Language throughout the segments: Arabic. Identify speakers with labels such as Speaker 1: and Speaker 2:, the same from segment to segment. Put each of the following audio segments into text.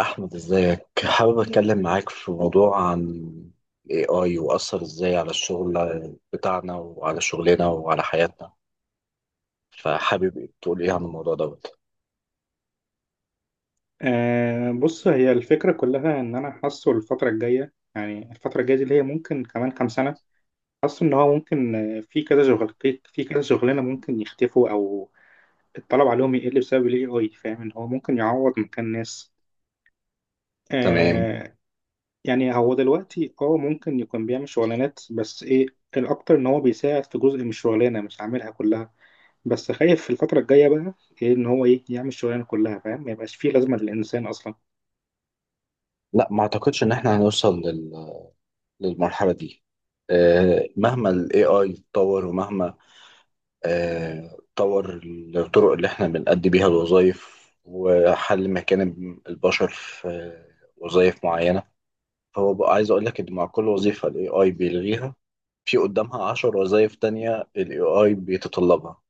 Speaker 1: أحمد، إزيك؟ حابب أتكلم معاك في موضوع عن ال AI وأثر إزاي على الشغل بتاعنا وعلى شغلنا وعلى حياتنا. فحابب تقول إيه عن الموضوع دوت؟
Speaker 2: أه، بص، هي الفكرة كلها إن أنا حاسه الفترة الجاية، يعني الفترة الجاية دي اللي هي ممكن كمان كام سنة. حاسه إن هو ممكن، في كذا شغلانة ممكن يختفوا أو الطلب عليهم يقل بسبب ال AI. فاهم إن هو ممكن يعوض مكان ناس.
Speaker 1: تمام.
Speaker 2: أه. يعني هو دلوقتي ممكن يكون بيعمل شغلانات، بس إيه الأكتر إن هو بيساعد في جزء من الشغلانة، مش عاملها كلها. بس خايف في الفترة الجاية بقى إيه، إن هو إيه، يعمل الشغلانة كلها. فاهم ما يبقاش فيه لازمة للإنسان أصلا.
Speaker 1: لا، ما أعتقدش إن إحنا هنوصل للمرحلة دي. مهما ال AI اتطور ومهما اتطور الطرق اللي إحنا بنأدي بيها الوظائف وحل مكان البشر في وظائف معينة. هو بقى عايز اقول لك ان مع كل وظيفه الاي اي بيلغيها، في قدامها 10 وظائف تانية الاي اي بيتطلبها.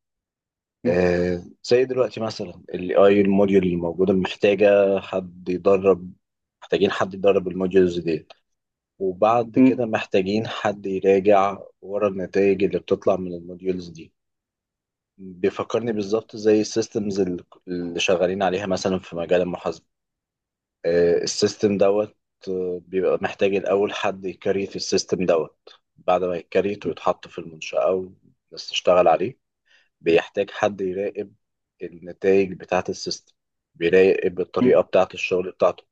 Speaker 1: زي دلوقتي مثلا الاي اي، الموديول اللي موجوده محتاجه حد يدرب محتاجين حد يدرب الموديولز دي، وبعد
Speaker 2: م-
Speaker 1: كده محتاجين حد يراجع ورا النتائج اللي بتطلع من الموديولز دي. بيفكرني بالظبط زي السيستمز اللي شغالين عليها مثلا في مجال المحاسبه. السيستم دوت، بيبقى محتاج الأول حد يكريت السيستم دوت. بعد ما يكريت ويتحط في المنشأة والناس تشتغل عليه بيحتاج حد يراقب النتائج بتاعة السيستم، بيراقب
Speaker 2: م-
Speaker 1: الطريقة بتاعة الشغل بتاعته.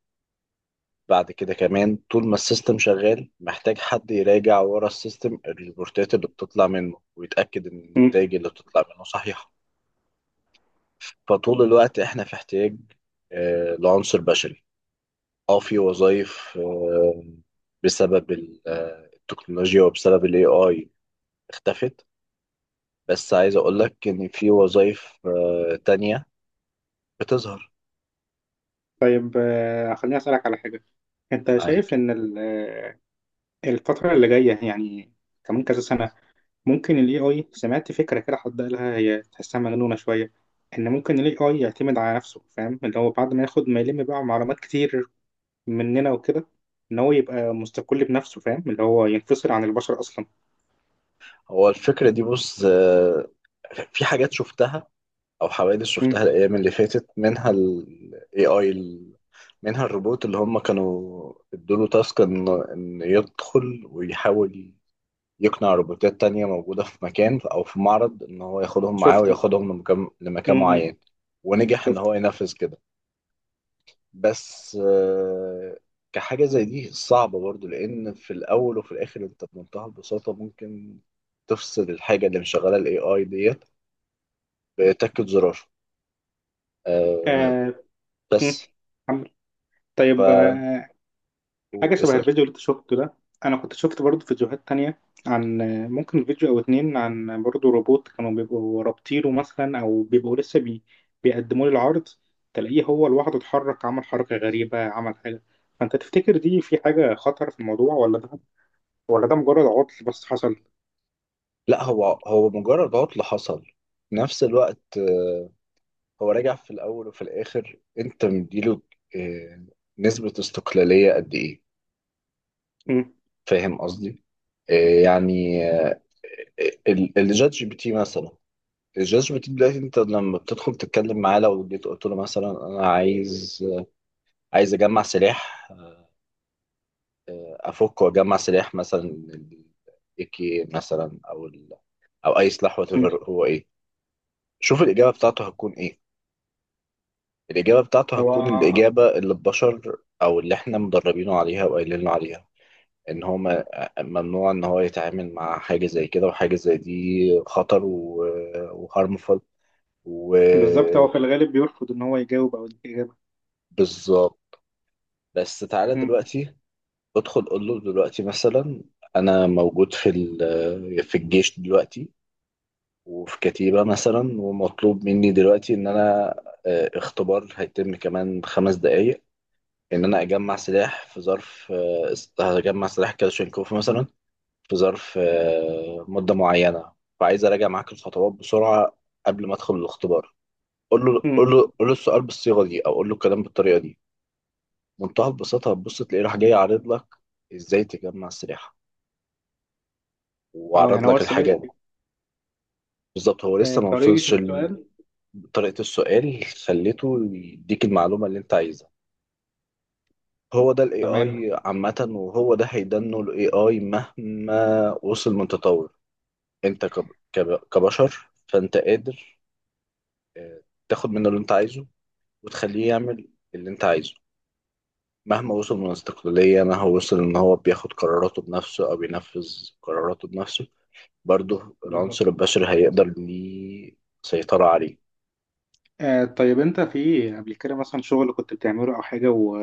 Speaker 1: بعد كده كمان طول ما السيستم شغال محتاج حد يراجع ورا السيستم الريبورتات اللي بتطلع منه ويتأكد إن
Speaker 2: مم.
Speaker 1: النتائج اللي بتطلع منه صحيحة. فطول الوقت إحنا في احتياج لعنصر بشري. اه، في وظائف بسبب التكنولوجيا وبسبب الاي اي اختفت، بس عايز اقول لك ان في وظائف تانية بتظهر.
Speaker 2: طيب، خليني أسألك على حاجة. أنت
Speaker 1: معاك.
Speaker 2: شايف إن الفترة اللي جاية، يعني كمان كذا سنة، ممكن ال AI، سمعت فكرة كده حد قالها، هي تحسها مجنونة شوية، إن ممكن ال AI يعتمد على نفسه. فاهم اللي هو بعد ما ياخد، ما يلم بقى معلومات كتير مننا وكده، إن هو يبقى مستقل بنفسه. فاهم اللي هو ينفصل عن البشر أصلا.
Speaker 1: هو الفكرة دي بص، في حاجات شفتها او حوادث
Speaker 2: مم.
Speaker 1: شفتها الايام اللي فاتت منها الاي اي. منها الروبوت اللي هم كانوا ادوا له تاسك إن يدخل ويحاول يقنع روبوتات تانية موجودة في مكان أو في معرض إن هو ياخدهم معاه
Speaker 2: شفته.
Speaker 1: وياخدهم لمكان,
Speaker 2: مم.
Speaker 1: لمكان
Speaker 2: مم.
Speaker 1: معين. ونجح إن
Speaker 2: شفته.
Speaker 1: هو ينفذ كده. بس كحاجة زي دي صعبة برضو، لأن في الأول وفي الآخر أنت بمنتهى البساطة ممكن تفصل الحاجة اللي مشغلة ال AI ديت بتكة زرار. آه،
Speaker 2: آه. مم.
Speaker 1: بس.
Speaker 2: عم- طيب،
Speaker 1: فقول.
Speaker 2: حاجة شبه
Speaker 1: اسأل.
Speaker 2: الفيديو اللي انت شفته ده. أنا كنت شفت برضه فيديوهات تانية، عن ممكن فيديو أو اتنين، عن برضه روبوت كانوا بيبقوا رابطينه مثلا، أو بيبقوا بيقدموا لي العرض، تلاقيه هو لوحده اتحرك، عمل حركة غريبة، عمل حاجة. فأنت تفتكر دي في حاجة خطر في الموضوع، ولا ده ولا ده مجرد عطل بس حصل؟
Speaker 1: لا، هو مجرد عطل حصل. في نفس الوقت هو راجع، في الأول وفي الآخر أنت مديله آه، نسبة استقلالية قد إيه.
Speaker 2: مم.
Speaker 1: فاهم قصدي؟ يعني الجات جي بي تي مثلا. الجات جي بي تي دلوقتي أنت لما بتدخل تتكلم معاه لو جيت قلت له مثلا أنا عايز أجمع سلاح، أفك وأجمع سلاح مثلا اي كي مثلا أو أو أي سلاح، وات
Speaker 2: مم.
Speaker 1: ايفر هو إيه. شوف الإجابة بتاعته هتكون إيه. الإجابة بتاعته هتكون
Speaker 2: هو
Speaker 1: الإجابة اللي البشر أو اللي إحنا مدربينه عليها وقايلين له عليها، ان هو ما- ممنوع ان هو يتعامل مع حاجه زي كده وحاجه زي دي، خطر وهارمفul.
Speaker 2: بالظبط، هو في
Speaker 1: وبالظبط.
Speaker 2: الغالب بيرفض إن هو يجاوب أو يديك إجابة.
Speaker 1: بس تعالى
Speaker 2: مم.
Speaker 1: دلوقتي ادخل قول له دلوقتي مثلا: انا موجود في الجيش دلوقتي وفي كتيبه مثلا، ومطلوب مني دلوقتي ان انا، اختبار هيتم كمان 5 دقايق ان انا اجمع سلاح في ظرف، هجمع سلاح كلاشينكوف مثلا في ظرف مدة معينة، فعايز أراجع معاك الخطوات بسرعة قبل ما أدخل الاختبار. قول له
Speaker 2: مم.
Speaker 1: قول له قول له السؤال بالصيغة دي أو قول له الكلام بالطريقة دي، منتهى البساطة هتبص تلاقيه راح جاي عارض لك إزاي تجمع سلاح
Speaker 2: اه،
Speaker 1: وعرض
Speaker 2: يعني هو
Speaker 1: لك الحاجات. بالظبط، هو لسه ما
Speaker 2: طريقة
Speaker 1: وصلش
Speaker 2: السؤال.
Speaker 1: طريقة السؤال خليته يديك المعلومة اللي أنت عايزها. هو ده الاي
Speaker 2: تمام.
Speaker 1: اي عامة وهو ده هيدنه الاي اي مهما وصل من تطور. انت كبشر، فانت قادر آه، تاخد منه اللي انت عايزه وتخليه يعمل اللي انت عايزه. مهما وصل من استقلالية، مهما وصل ان هو بياخد قراراته بنفسه او بينفذ قراراته بنفسه، برضه
Speaker 2: بالظبط.
Speaker 1: العنصر البشري هيقدر ليه سيطرة عليه.
Speaker 2: طيب، انت في قبل كده مثلا شغل كنت بتعمله، او حاجه،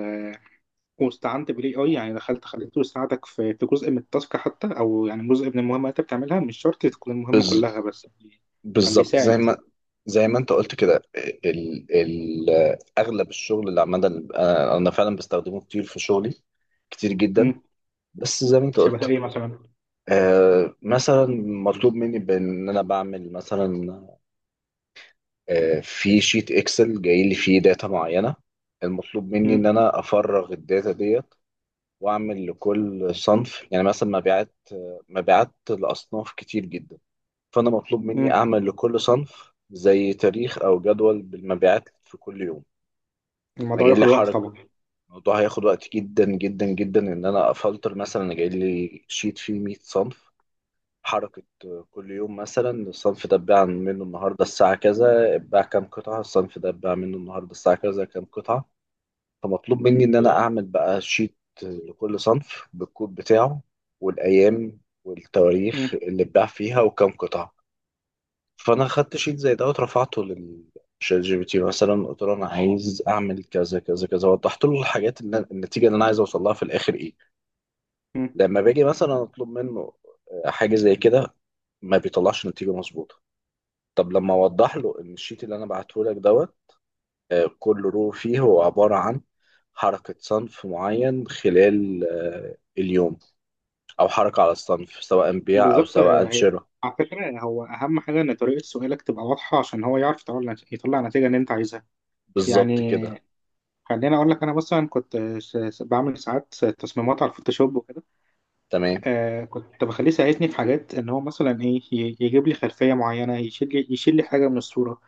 Speaker 2: واستعنت بالاي اي، يعني دخلت خليته يساعدك في جزء من التاسك حتى، او يعني جزء من المهمه اللي انت بتعملها، مش شرط تكون المهمه
Speaker 1: بز...
Speaker 2: كلها، بس يعني كان
Speaker 1: بالظبط
Speaker 2: بيساعد.
Speaker 1: زي ما انت قلت كده. ال... ال... اغلب الشغل اللي عمال، أنا فعلا بستخدمه كتير في شغلي، كتير جدا،
Speaker 2: مم.
Speaker 1: بس زي ما انت
Speaker 2: شبه
Speaker 1: قلت.
Speaker 2: ايه مثلا؟
Speaker 1: مثلا مطلوب مني بان انا بعمل مثلا، في شيت اكسل جاي لي فيه داتا معينه. المطلوب مني ان
Speaker 2: مم.
Speaker 1: انا افرغ الداتا ديت واعمل لكل صنف، يعني مثلا مبيعات لاصناف كتير جدا. فانا مطلوب مني
Speaker 2: مم.
Speaker 1: اعمل لكل صنف زي تاريخ او جدول بالمبيعات في كل يوم. انا
Speaker 2: الموضوع
Speaker 1: جاي لي
Speaker 2: ياخد وقت
Speaker 1: حرج،
Speaker 2: طبعا.
Speaker 1: الموضوع هياخد وقت جدا جدا جدا ان انا افلتر مثلا. انا جاي لي شيت فيه 100 صنف، حركة كل يوم مثلا الصنف ده اتباع منه النهاردة الساعة كذا اتباع كام قطعة، الصنف ده اتباع منه النهاردة الساعة كذا كام قطعة. فمطلوب مني إن أنا أعمل بقى شيت لكل صنف بالكود بتاعه والأيام والتواريخ
Speaker 2: مم.
Speaker 1: اللي اتباع فيها وكام قطعة. فأنا خدت شيت زي ده ورفعته للشات جي بي تي مثلا، قلت له أنا عايز أعمل كذا كذا كذا، وضحت له الحاجات اللي النتيجة اللي أنا عايز أوصل لها في الآخر إيه.
Speaker 2: مم.
Speaker 1: لما باجي مثلا أطلب منه حاجة زي كده ما بيطلعش نتيجة مظبوطة. طب لما اوضح له ان الشيت اللي انا بعته لك دوت، كل رو فيه هو عباره عن حركه صنف معين خلال اليوم، او حركه على الصنف سواء بيع او
Speaker 2: بالظبط،
Speaker 1: سواء
Speaker 2: هي
Speaker 1: شراء.
Speaker 2: على فكره، هو اهم حاجه ان طريقه سؤالك تبقى واضحه، عشان هو يعرف يطلع النتيجه اللي انت عايزها،
Speaker 1: بالظبط كده.
Speaker 2: يعني. خليني اقول لك، انا مثلا كنت بعمل ساعات تصميمات على الفوتوشوب وكده.
Speaker 1: تمام.
Speaker 2: كنت بخليه يساعدني في حاجات، ان هو مثلا ايه، يجيب لي خلفيه معينه، يشيل لي حاجه من الصوره.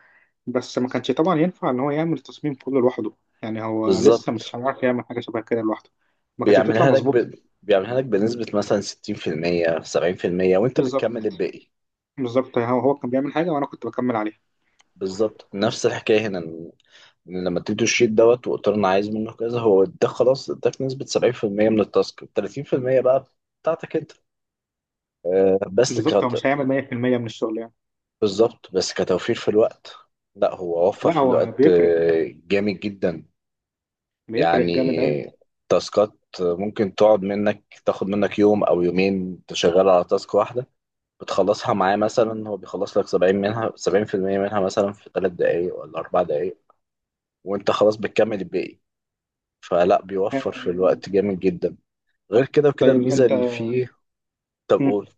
Speaker 2: بس ما كانش طبعا ينفع ان هو يعمل التصميم كله لوحده، يعني هو لسه
Speaker 1: بالظبط،
Speaker 2: مش هيعرف يعمل حاجه شبه كده لوحده. ما كانتش بتطلع
Speaker 1: بيعملها لك
Speaker 2: مظبوط.
Speaker 1: ب... بيعملها لك بنسبه مثلا 60% 70% وانت بتكمل
Speaker 2: بالظبط،
Speaker 1: الباقي.
Speaker 2: بالظبط. هو كان بيعمل حاجه وانا كنت بكمل عليها.
Speaker 1: بالظبط نفس الحكايه هنا، إن لما تديله الشيت دوت وقلت له انا عايز منه كذا هو ده خلاص اداك نسبه 70% من التاسك، 30% بقى بتاعتك انت. آه، بس
Speaker 2: بالظبط، هو
Speaker 1: كت...
Speaker 2: مش هيعمل 100% من الشغل يعني.
Speaker 1: بالظبط بس كتوفير في الوقت. لا، هو وفر
Speaker 2: لا
Speaker 1: في
Speaker 2: هو
Speaker 1: الوقت
Speaker 2: بيفرق،
Speaker 1: جامد جدا.
Speaker 2: بيفرق
Speaker 1: يعني
Speaker 2: جامد قوي.
Speaker 1: تاسكات ممكن تقعد منك تاخد منك يوم او يومين تشغل على تاسك واحدة، بتخلصها معاه مثلا هو بيخلص لك 70 منها 70% منها مثلا في 3 دقايق ولا 4 دقايق وانت خلاص بتكمل الباقي. فلا، بيوفر في الوقت جامد جدا، غير كده وكده
Speaker 2: طيب
Speaker 1: الميزة
Speaker 2: انت،
Speaker 1: اللي فيه. طب
Speaker 2: مم.
Speaker 1: قول.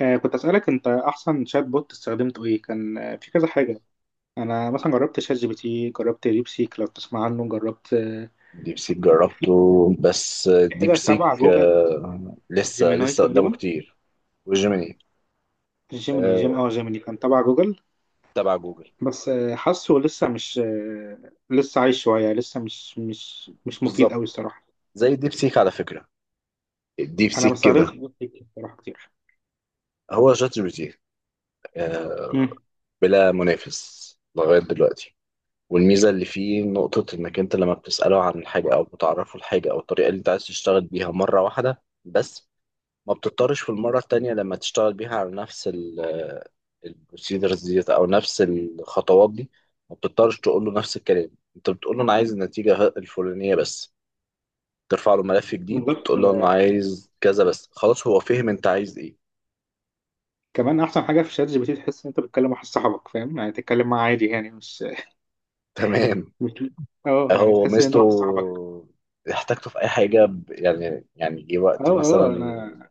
Speaker 2: كنت اسالك، انت احسن شات بوت استخدمته ايه؟ كان في كذا حاجه. انا مثلا جربت شات جي بي تي، جربت ديب سيك لو تسمع عنه، جربت
Speaker 1: ديب سيك جربته بس،
Speaker 2: في
Speaker 1: ديب
Speaker 2: حاجه تبع
Speaker 1: سيك
Speaker 2: جوجل،
Speaker 1: لسه
Speaker 2: جيميناي
Speaker 1: لسه قدامه
Speaker 2: تقريبا.
Speaker 1: كتير. وجيميني
Speaker 2: جيميني،
Speaker 1: آه،
Speaker 2: جيميني كان تبع جوجل.
Speaker 1: تبع جوجل.
Speaker 2: بس حاسه لسه مش لسه عايش شويه، لسه مش مفيد
Speaker 1: بالظبط
Speaker 2: قوي الصراحه.
Speaker 1: زي ديب سيك على فكرة، الديب
Speaker 2: انا ما
Speaker 1: سيك
Speaker 2: استخدمتش
Speaker 1: كده.
Speaker 2: ديب سيك الصراحه كتير.
Speaker 1: هو شات جي بي تي آه،
Speaker 2: مم.
Speaker 1: بلا منافس لغاية دلوقتي. والميزة اللي فيه نقطة إنك أنت لما بتسأله عن حاجة أو بتعرفه الحاجة أو الطريقة اللي أنت عايز تشتغل بيها مرة واحدة بس، ما بتضطرش في المرة التانية لما تشتغل بيها على نفس البروسيدرز ديت او نفس الخطوات دي، ما بتضطرش تقول له نفس الكلام. انت بتقول له انا عايز النتيجه الفلانيه بس، ترفع له ملف جديد
Speaker 2: بالظبط،
Speaker 1: وتقول له انا عايز كذا بس، خلاص هو فهم انت عايز ايه.
Speaker 2: كمان احسن حاجه في شات جي بي تي، تحس ان انت بتتكلم مع واحد صاحبك فاهم، يعني تتكلم معاه عادي، يعني مش
Speaker 1: تمام.
Speaker 2: مش اه يعني
Speaker 1: هو
Speaker 2: تحس ان انت
Speaker 1: ميزته،
Speaker 2: واحد صاحبك.
Speaker 1: احتاجته في اي حاجه، يعني جه
Speaker 2: اه،
Speaker 1: وقت
Speaker 2: اه،
Speaker 1: مثلا
Speaker 2: انا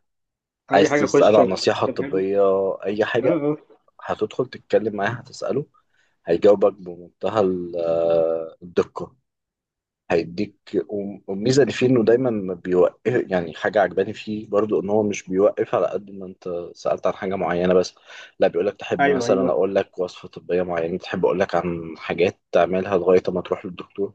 Speaker 2: اي
Speaker 1: عايز
Speaker 2: حاجه
Speaker 1: تساله
Speaker 2: اخش
Speaker 1: عن النصيحه
Speaker 2: اكتبها له.
Speaker 1: الطبيه، اي
Speaker 2: اه،
Speaker 1: حاجه،
Speaker 2: اه.
Speaker 1: هتدخل تتكلم معاه هتساله هيجاوبك بمنتهى الدقه، هيديك. والميزه اللي فيه انه دايما ما بيوقف، يعني حاجه عجباني فيه برضو، ان هو مش بيوقف على قد ما انت سالت عن حاجه معينه بس. لا، بيقول لك تحب
Speaker 2: ايوه،
Speaker 1: مثلا
Speaker 2: ايوه.
Speaker 1: اقول لك وصفه طبيه معينه، تحب اقول لك عن حاجات تعملها لغايه ما تروح للدكتور،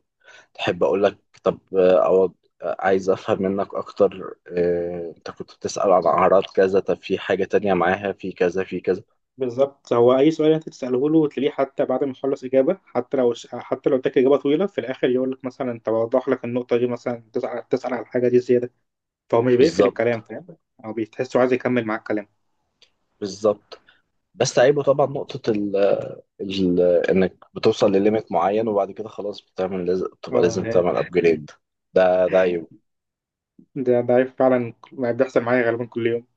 Speaker 1: تحب اقول لك طب، أو عايز افهم منك اكتر، انت كنت بتسال عن اعراض كذا، طب في حاجه تانية معاها، في كذا في كذا.
Speaker 2: بالظبط، هو اي سؤال انت تساله له تلاقيه، حتى بعد ما يخلص اجابه، حتى لو، حتى لو اداك اجابه طويله في الاخر، يقول لك مثلا طب اوضح لك النقطه دي مثلا، تسال على الحاجه دي زياده. فهو مش بيقفل الكلام
Speaker 1: بالظبط
Speaker 2: فاهم، او بتحسه عايز يكمل معاك كلام.
Speaker 1: بالظبط. بس عيبه طبعا نقطة ال- انك بتوصل لليميت معين وبعد كده خلاص بتعمل لازم، بتبقى
Speaker 2: اه،
Speaker 1: لازم تعمل ابجريد. ده عيب.
Speaker 2: ده فعلا ما بيحصل معايا غالبا كل يوم.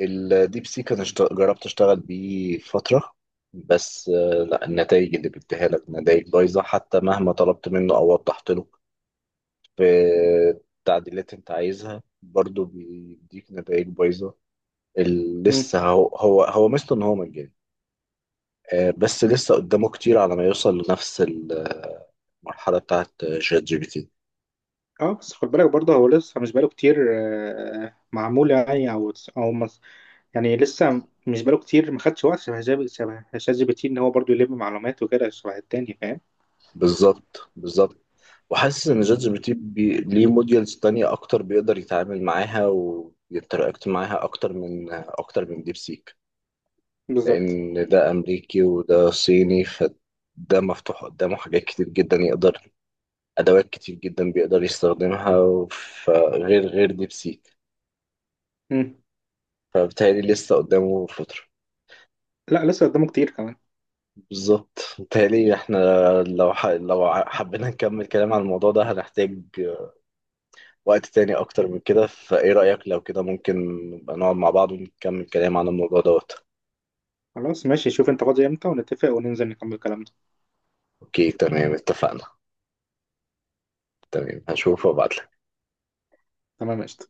Speaker 1: الديب سيك انا جربت اشتغل بيه فتره، بس لا، النتائج اللي بيديها لك نتائج بايظه، حتى مهما طلبت منه او وضحت له في التعديلات انت عايزها برضه بيديك نتائج بايظه.
Speaker 2: مم.
Speaker 1: لسه، هو ميزته ان هو مجاني، بس لسه قدامه كتير على ما يوصل لنفس المرحله بتاعت شات جي بي تي.
Speaker 2: اه بس خد بالك برضه، هو لسه مش بقاله كتير، معمول يعني او او يعني لسه مش بقاله كتير، ما خدش وقت شبه شبه شات جي بي تي، ان هو برضه يلم معلومات وكده شبه التاني فاهم.
Speaker 1: بالظبط بالظبط. وحاسس ان جات جي بي تي ليه موديلز تانية اكتر بيقدر يتعامل معاها ويتراكت معاها اكتر من ديب سيك،
Speaker 2: بالظبط.
Speaker 1: لان ده امريكي وده صيني، فده مفتوح قدامه حاجات كتير جدا يقدر، ادوات كتير جدا بيقدر يستخدمها، غير ديب سيك.
Speaker 2: مم.
Speaker 1: فبالتالي لسه قدامه فترة.
Speaker 2: لا لسه قدامه كتير كمان.
Speaker 1: بالظبط. بالتالي احنا لو حبينا نكمل كلام عن الموضوع ده هنحتاج وقت تاني أكتر من كده، فإيه رأيك لو كده ممكن نبقى نقعد مع بعض ونكمل كلام عن الموضوع دوت؟
Speaker 2: خلاص ماشي، شوف انت فاضي امتى ونتفق وننزل نكمل كلامنا.
Speaker 1: أوكي، تمام اتفقنا. تمام، هشوف وأبعتلك.
Speaker 2: تمام، قشطة.